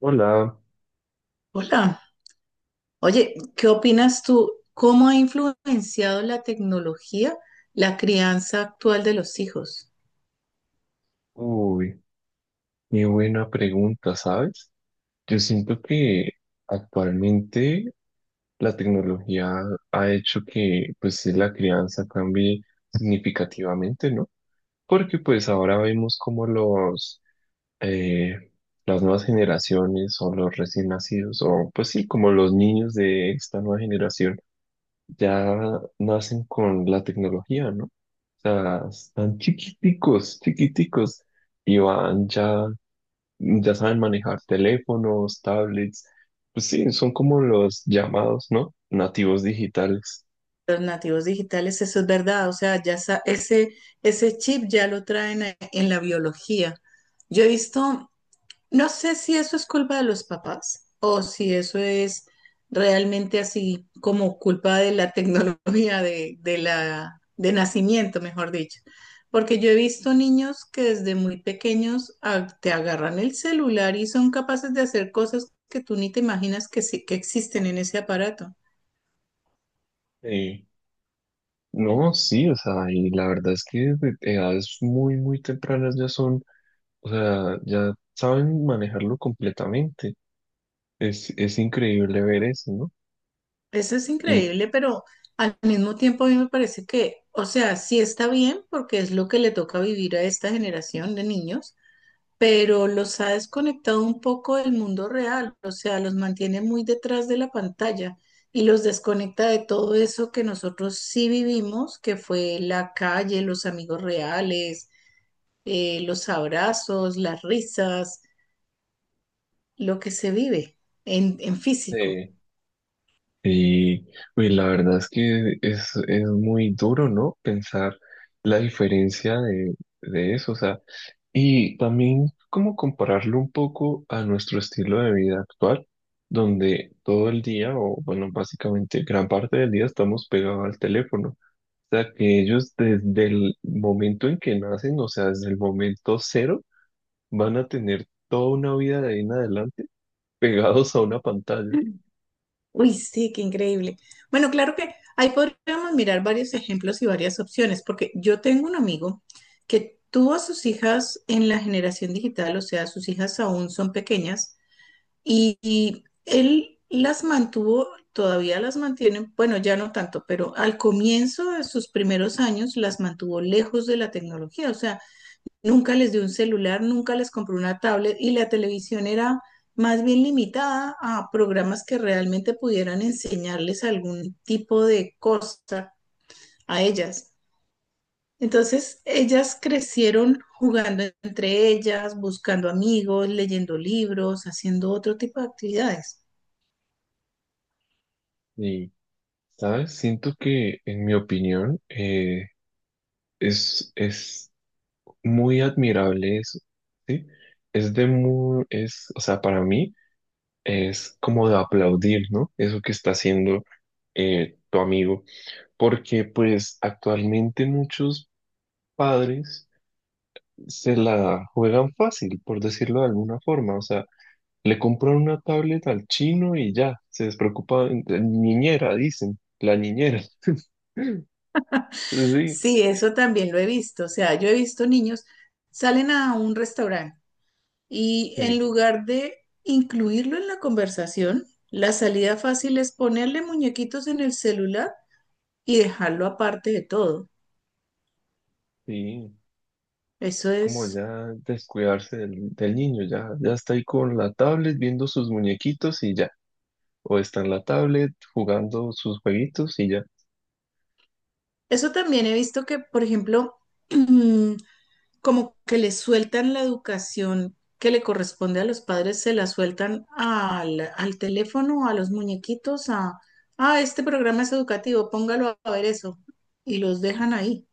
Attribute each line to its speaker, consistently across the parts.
Speaker 1: Hola,
Speaker 2: Hola, oye, ¿qué opinas tú? ¿Cómo ha influenciado la tecnología la crianza actual de los hijos?
Speaker 1: uy, qué buena pregunta, ¿sabes? Yo siento que actualmente la tecnología ha hecho que pues la crianza cambie significativamente, ¿no? Porque pues ahora vemos como los eh, las nuevas generaciones o los recién nacidos o pues sí, como los niños de esta nueva generación ya nacen con la tecnología, ¿no? O sea, están chiquiticos, chiquiticos y van ya ya saben manejar teléfonos, tablets, pues sí, son como los llamados, ¿no? Nativos digitales.
Speaker 2: Los nativos digitales, eso es verdad, o sea, ese, ese chip ya lo traen en la biología. Yo he visto. No sé si eso es culpa de los papás o si eso es realmente así como culpa de la tecnología de nacimiento, mejor dicho. Porque yo he visto niños que desde muy pequeños te agarran el celular y son capaces de hacer cosas que tú ni te imaginas que existen en ese aparato.
Speaker 1: Eh, no, sí, o sea, y la verdad es que desde edades muy, muy tempranas ya son, o sea, ya saben manejarlo completamente. Es increíble ver eso, ¿no?
Speaker 2: Eso es
Speaker 1: Y
Speaker 2: increíble, pero al mismo tiempo a mí me parece que, o sea, sí está bien porque es lo que le toca vivir a esta generación de niños, pero los ha desconectado un poco del mundo real, o sea, los mantiene muy detrás de la pantalla y los desconecta de todo eso que nosotros sí vivimos, que fue la calle, los amigos reales, los abrazos, las risas, lo que se vive en físico.
Speaker 1: eh, Y pues la verdad es que es muy duro, ¿no? Pensar la diferencia de eso, o sea, y también como compararlo un poco a nuestro estilo de vida actual, donde todo el día, o bueno, básicamente gran parte del día estamos pegados al teléfono. O sea, que ellos desde el momento en que nacen, o sea, desde el momento cero, van a tener toda una vida de ahí en adelante pegados a una pantalla.
Speaker 2: Uy, sí, qué increíble. Bueno, claro que ahí podríamos mirar varios ejemplos y varias opciones, porque yo tengo un amigo que tuvo a sus hijas en la generación digital, o sea, sus hijas aún son pequeñas, y él las mantuvo, todavía las mantiene, bueno, ya no tanto, pero al comienzo de sus primeros años las mantuvo lejos de la tecnología, o sea, nunca les dio un celular, nunca les compró una tablet y la televisión era más bien limitada a programas que realmente pudieran enseñarles algún tipo de cosa a ellas. Entonces, ellas crecieron jugando entre ellas, buscando amigos, leyendo libros, haciendo otro tipo de actividades.
Speaker 1: ¿Sabes? Siento que, en mi opinión, es muy admirable eso, ¿sí? Es de muy, es, o sea, para mí es como de aplaudir, ¿no? Eso que está haciendo tu amigo, porque pues actualmente muchos padres se la juegan fácil, por decirlo de alguna forma, o sea, le compran una tablet al chino y ya, se despreocupan, niñera, dicen, la niñera. Sí,
Speaker 2: Sí, eso también lo he visto. O sea, yo he visto niños, salen a un restaurante. Y en
Speaker 1: sí.
Speaker 2: lugar de incluirlo en la conversación, la salida fácil es ponerle muñequitos en el celular y dejarlo aparte de todo.
Speaker 1: Sí,
Speaker 2: Eso
Speaker 1: es como
Speaker 2: es,
Speaker 1: ya descuidarse del, del niño, ya, ya está ahí con la tablet viendo sus muñequitos y ya, o está en la tablet jugando sus jueguitos y ya.
Speaker 2: eso también he visto que, por ejemplo, como que le sueltan la educación que le corresponde a los padres, se la sueltan al teléfono, a los muñequitos, a, ah, este programa es educativo, póngalo a ver eso, y los dejan ahí,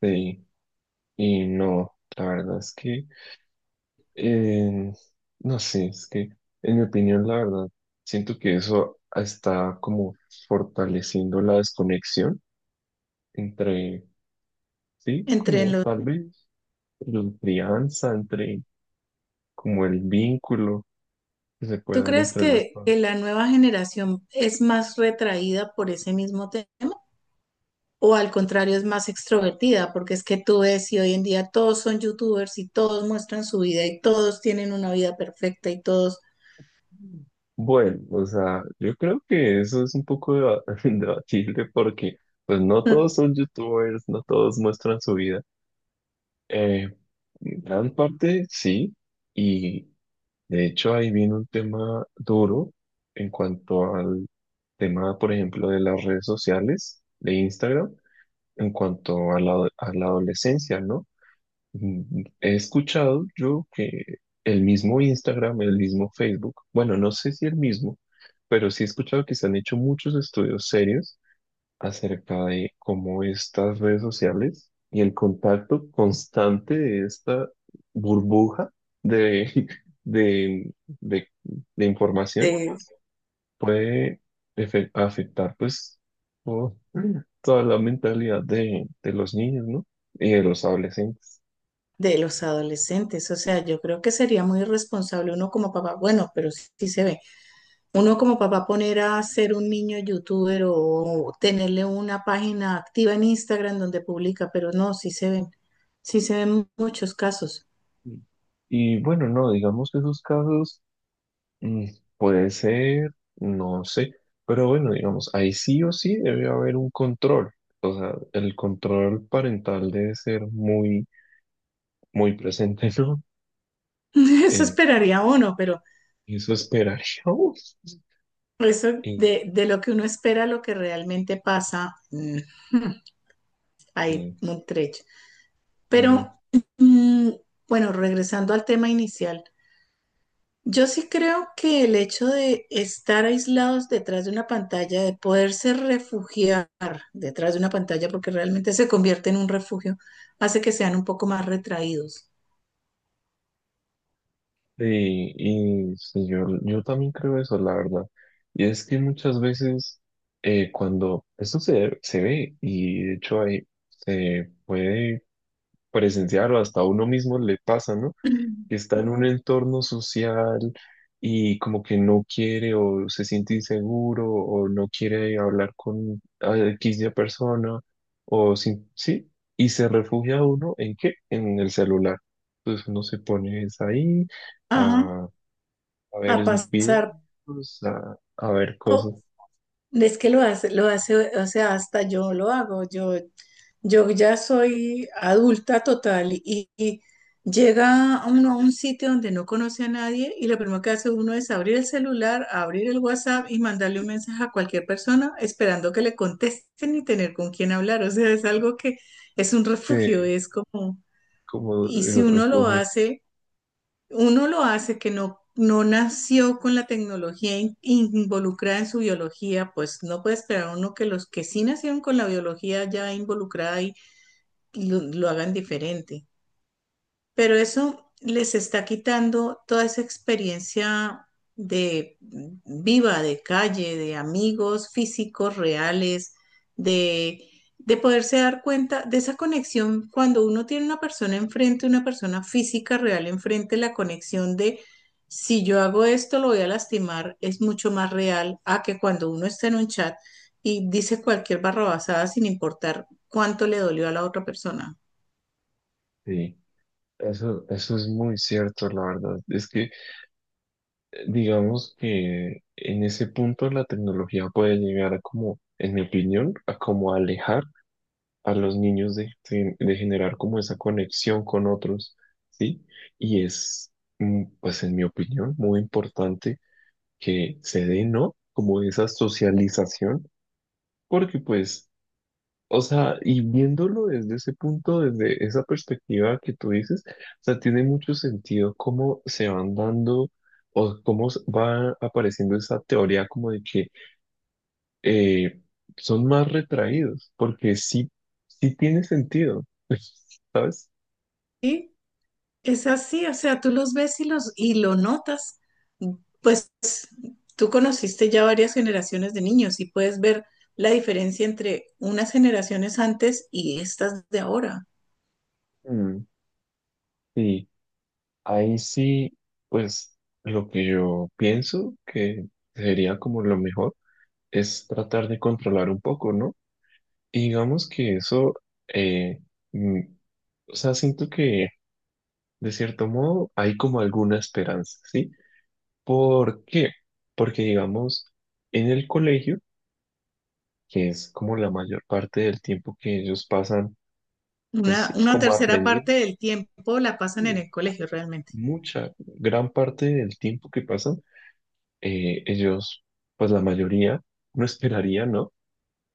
Speaker 1: Sí, y no, la verdad es que, eh, no sé, es que en mi opinión, la verdad, siento que eso está como fortaleciendo la desconexión entre, sí,
Speaker 2: entre.
Speaker 1: como tal vez la crianza, entre como el vínculo que se puede
Speaker 2: ¿Tú
Speaker 1: dar
Speaker 2: crees
Speaker 1: entre las
Speaker 2: que
Speaker 1: familias.
Speaker 2: la nueva generación es más retraída por ese mismo tema? ¿O al contrario es más extrovertida? Porque es que tú ves y hoy en día todos son youtubers y todos muestran su vida y todos tienen una vida perfecta y todos
Speaker 1: Bueno, o sea, yo creo que eso es un poco deba- debatible porque pues no todos son youtubers, no todos muestran su vida. Eh, Gran parte sí, y de hecho ahí viene un tema duro en cuanto al tema, por ejemplo, de las redes sociales, de Instagram, en cuanto a a la adolescencia, ¿no? Mm, he escuchado yo que el mismo Instagram, el mismo Facebook, bueno, no sé si el mismo, pero sí he escuchado que se han hecho muchos estudios serios acerca de cómo estas redes sociales y el contacto constante de esta burbuja de, de, de, de información
Speaker 2: de,
Speaker 1: puede afectar pues todo- toda la mentalidad de los niños, ¿no? Y de los adolescentes.
Speaker 2: de los adolescentes. O sea, yo creo que sería muy irresponsable uno como papá. Bueno, pero sí, sí se ve. Uno como papá poner a ser un niño youtuber o tenerle una página activa en Instagram donde publica, pero no, sí se ven muchos casos.
Speaker 1: Y y bueno, no, digamos que esos casos mm, puede ser, no sé, pero bueno, digamos, ahí sí o sí debe haber un control. O sea, el control parental debe ser muy, muy presente, ¿no?
Speaker 2: Eso
Speaker 1: En
Speaker 2: esperaría uno, pero
Speaker 1: eso esperaríamos.
Speaker 2: eso
Speaker 1: Y,
Speaker 2: de lo que uno espera a lo que realmente pasa, hay
Speaker 1: y,
Speaker 2: un trecho.
Speaker 1: bueno,
Speaker 2: Pero mm, bueno, regresando al tema inicial. Yo sí creo que el hecho de estar aislados detrás de una pantalla, de poderse refugiar detrás de una pantalla, porque realmente se convierte en un refugio, hace que sean un poco más retraídos.
Speaker 1: y sí, yo también creo eso, la verdad. Y es que muchas veces cuando esto se ve, y de hecho ahí se puede presenciar o hasta a uno mismo le pasa, ¿no? Que está en un entorno social y como que no quiere o se siente inseguro o no quiere hablar con a X de persona o sin, sí, y se refugia uno en qué? En el celular. Entonces uno se pone es ahí
Speaker 2: Ajá,
Speaker 1: a, a ver
Speaker 2: a pasar.
Speaker 1: videos, a ver cosas
Speaker 2: O, es que lo hace, o sea, hasta yo lo hago. Yo ya soy adulta total y llega uno a un sitio donde no conoce a nadie y lo primero que hace uno es abrir el celular, abrir el WhatsApp y mandarle un mensaje a cualquier persona esperando que le contesten y tener con quién hablar. O sea, es algo que es un refugio,
Speaker 1: de
Speaker 2: es como,
Speaker 1: como
Speaker 2: y si
Speaker 1: el
Speaker 2: uno lo
Speaker 1: refugio.
Speaker 2: hace, uno lo hace que no, no nació con la tecnología involucrada en su biología, pues no puede esperar uno que los que sí nacieron con la biología ya involucrada y lo hagan diferente. Pero eso les está quitando toda esa experiencia de viva, de calle, de amigos físicos reales, de, de poderse dar cuenta de esa conexión cuando uno tiene una persona enfrente, una persona física real enfrente, la conexión de si yo hago esto lo voy a lastimar es mucho más real a que cuando uno está en un chat y dice cualquier barrabasada sin importar cuánto le dolió a la otra persona.
Speaker 1: Sí, eso es muy cierto, la verdad. Es que digamos que en ese punto la tecnología puede llegar a como, en mi opinión, a como alejar a los niños de generar como esa conexión con otros, ¿sí? Y es, mm, pues en mi opinión, muy importante que se dé, ¿no? Como esa socialización, porque pues o sea, y viéndolo desde ese punto, desde esa perspectiva que tú dices, o sea, tiene mucho sentido cómo se van dando o cómo va apareciendo esa teoría como de que eh, son más retraídos, porque sí, sí tiene sentido, ¿sabes?
Speaker 2: ¿Sí? Es así, o sea, tú los ves y los y lo notas. Pues tú conociste ya varias generaciones de niños y puedes ver la diferencia entre unas generaciones antes y estas de ahora.
Speaker 1: Mm, sí, ahí sí, pues lo que yo pienso que sería como lo mejor es tratar de controlar un poco, ¿no? Y digamos que eso... eh, mm, O sea, siento que de cierto modo hay como alguna esperanza, ¿sí? ¿Por qué? Porque digamos, en el colegio, que es como la mayor parte del tiempo que ellos pasan, pues sí,
Speaker 2: Una
Speaker 1: como
Speaker 2: tercera
Speaker 1: aprendiendo,
Speaker 2: parte del tiempo la pasan en
Speaker 1: eh,
Speaker 2: el colegio realmente.
Speaker 1: mucha, gran parte del tiempo que pasan, ellos, pues la mayoría, no esperaría, ¿no?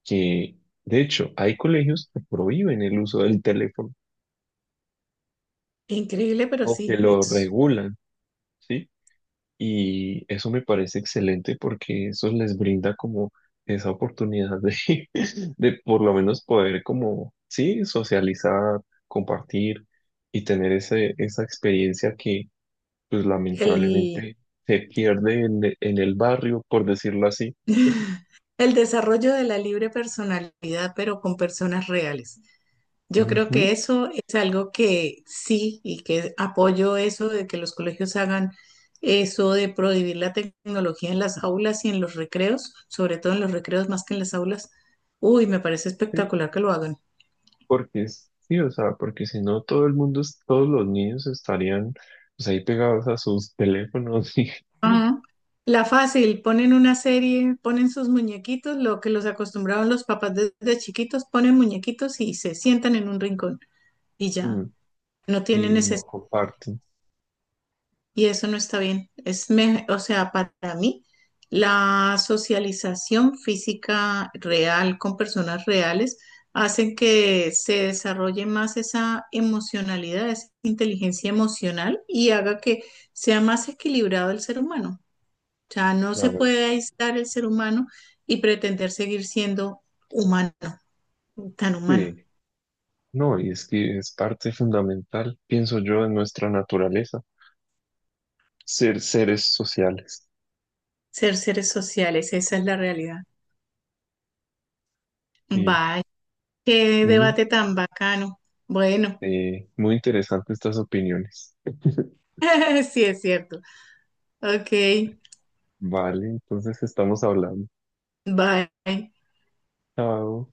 Speaker 1: Que, de hecho, hay colegios que prohíben el uso del teléfono
Speaker 2: Increíble, pero
Speaker 1: o que
Speaker 2: sí,
Speaker 1: lo
Speaker 2: es
Speaker 1: regulan, ¿sí? Y eso me parece excelente porque eso les brinda como esa oportunidad de, de por lo menos poder como, sí, socializar, compartir y tener ese, esa experiencia que pues
Speaker 2: el,
Speaker 1: lamentablemente se pierde en, en el barrio, por decirlo así.
Speaker 2: el desarrollo de la libre personalidad, pero con personas reales. Yo creo
Speaker 1: Ujú,
Speaker 2: que eso es algo que sí y que apoyo eso de que los colegios hagan eso de prohibir la tecnología en las aulas y en los recreos, sobre todo en los recreos más que en las aulas. Uy, me parece
Speaker 1: sí,
Speaker 2: espectacular que lo hagan.
Speaker 1: porque sí, o sea, porque si no todo el mundo, todos los niños estarían pues ahí pegados a sus teléfonos y,
Speaker 2: Ah, la fácil, ponen una serie, ponen sus muñequitos, lo que los acostumbraban los papás desde chiquitos, ponen muñequitos y se sientan en un rincón y
Speaker 1: mm,
Speaker 2: ya, no tienen
Speaker 1: y no
Speaker 2: necesidad.
Speaker 1: comparten,
Speaker 2: Y eso no está bien. O sea, para mí, la socialización física real con personas reales hacen que se desarrolle más esa emocionalidad, esa inteligencia emocional y haga que sea más equilibrado el ser humano. O sea, no
Speaker 1: la
Speaker 2: se
Speaker 1: verdad.
Speaker 2: puede aislar el ser humano y pretender seguir siendo humano, tan humano.
Speaker 1: Sí. No, y es que es parte fundamental, pienso yo, de nuestra naturaleza, ser seres sociales.
Speaker 2: Ser seres sociales, esa es la realidad.
Speaker 1: Y
Speaker 2: Vaya, qué
Speaker 1: muy,
Speaker 2: debate tan bacano. Bueno.
Speaker 1: muy interesantes estas opiniones.
Speaker 2: Sí, es cierto. Ok,
Speaker 1: Vale, entonces estamos hablando.
Speaker 2: bye.
Speaker 1: Chao.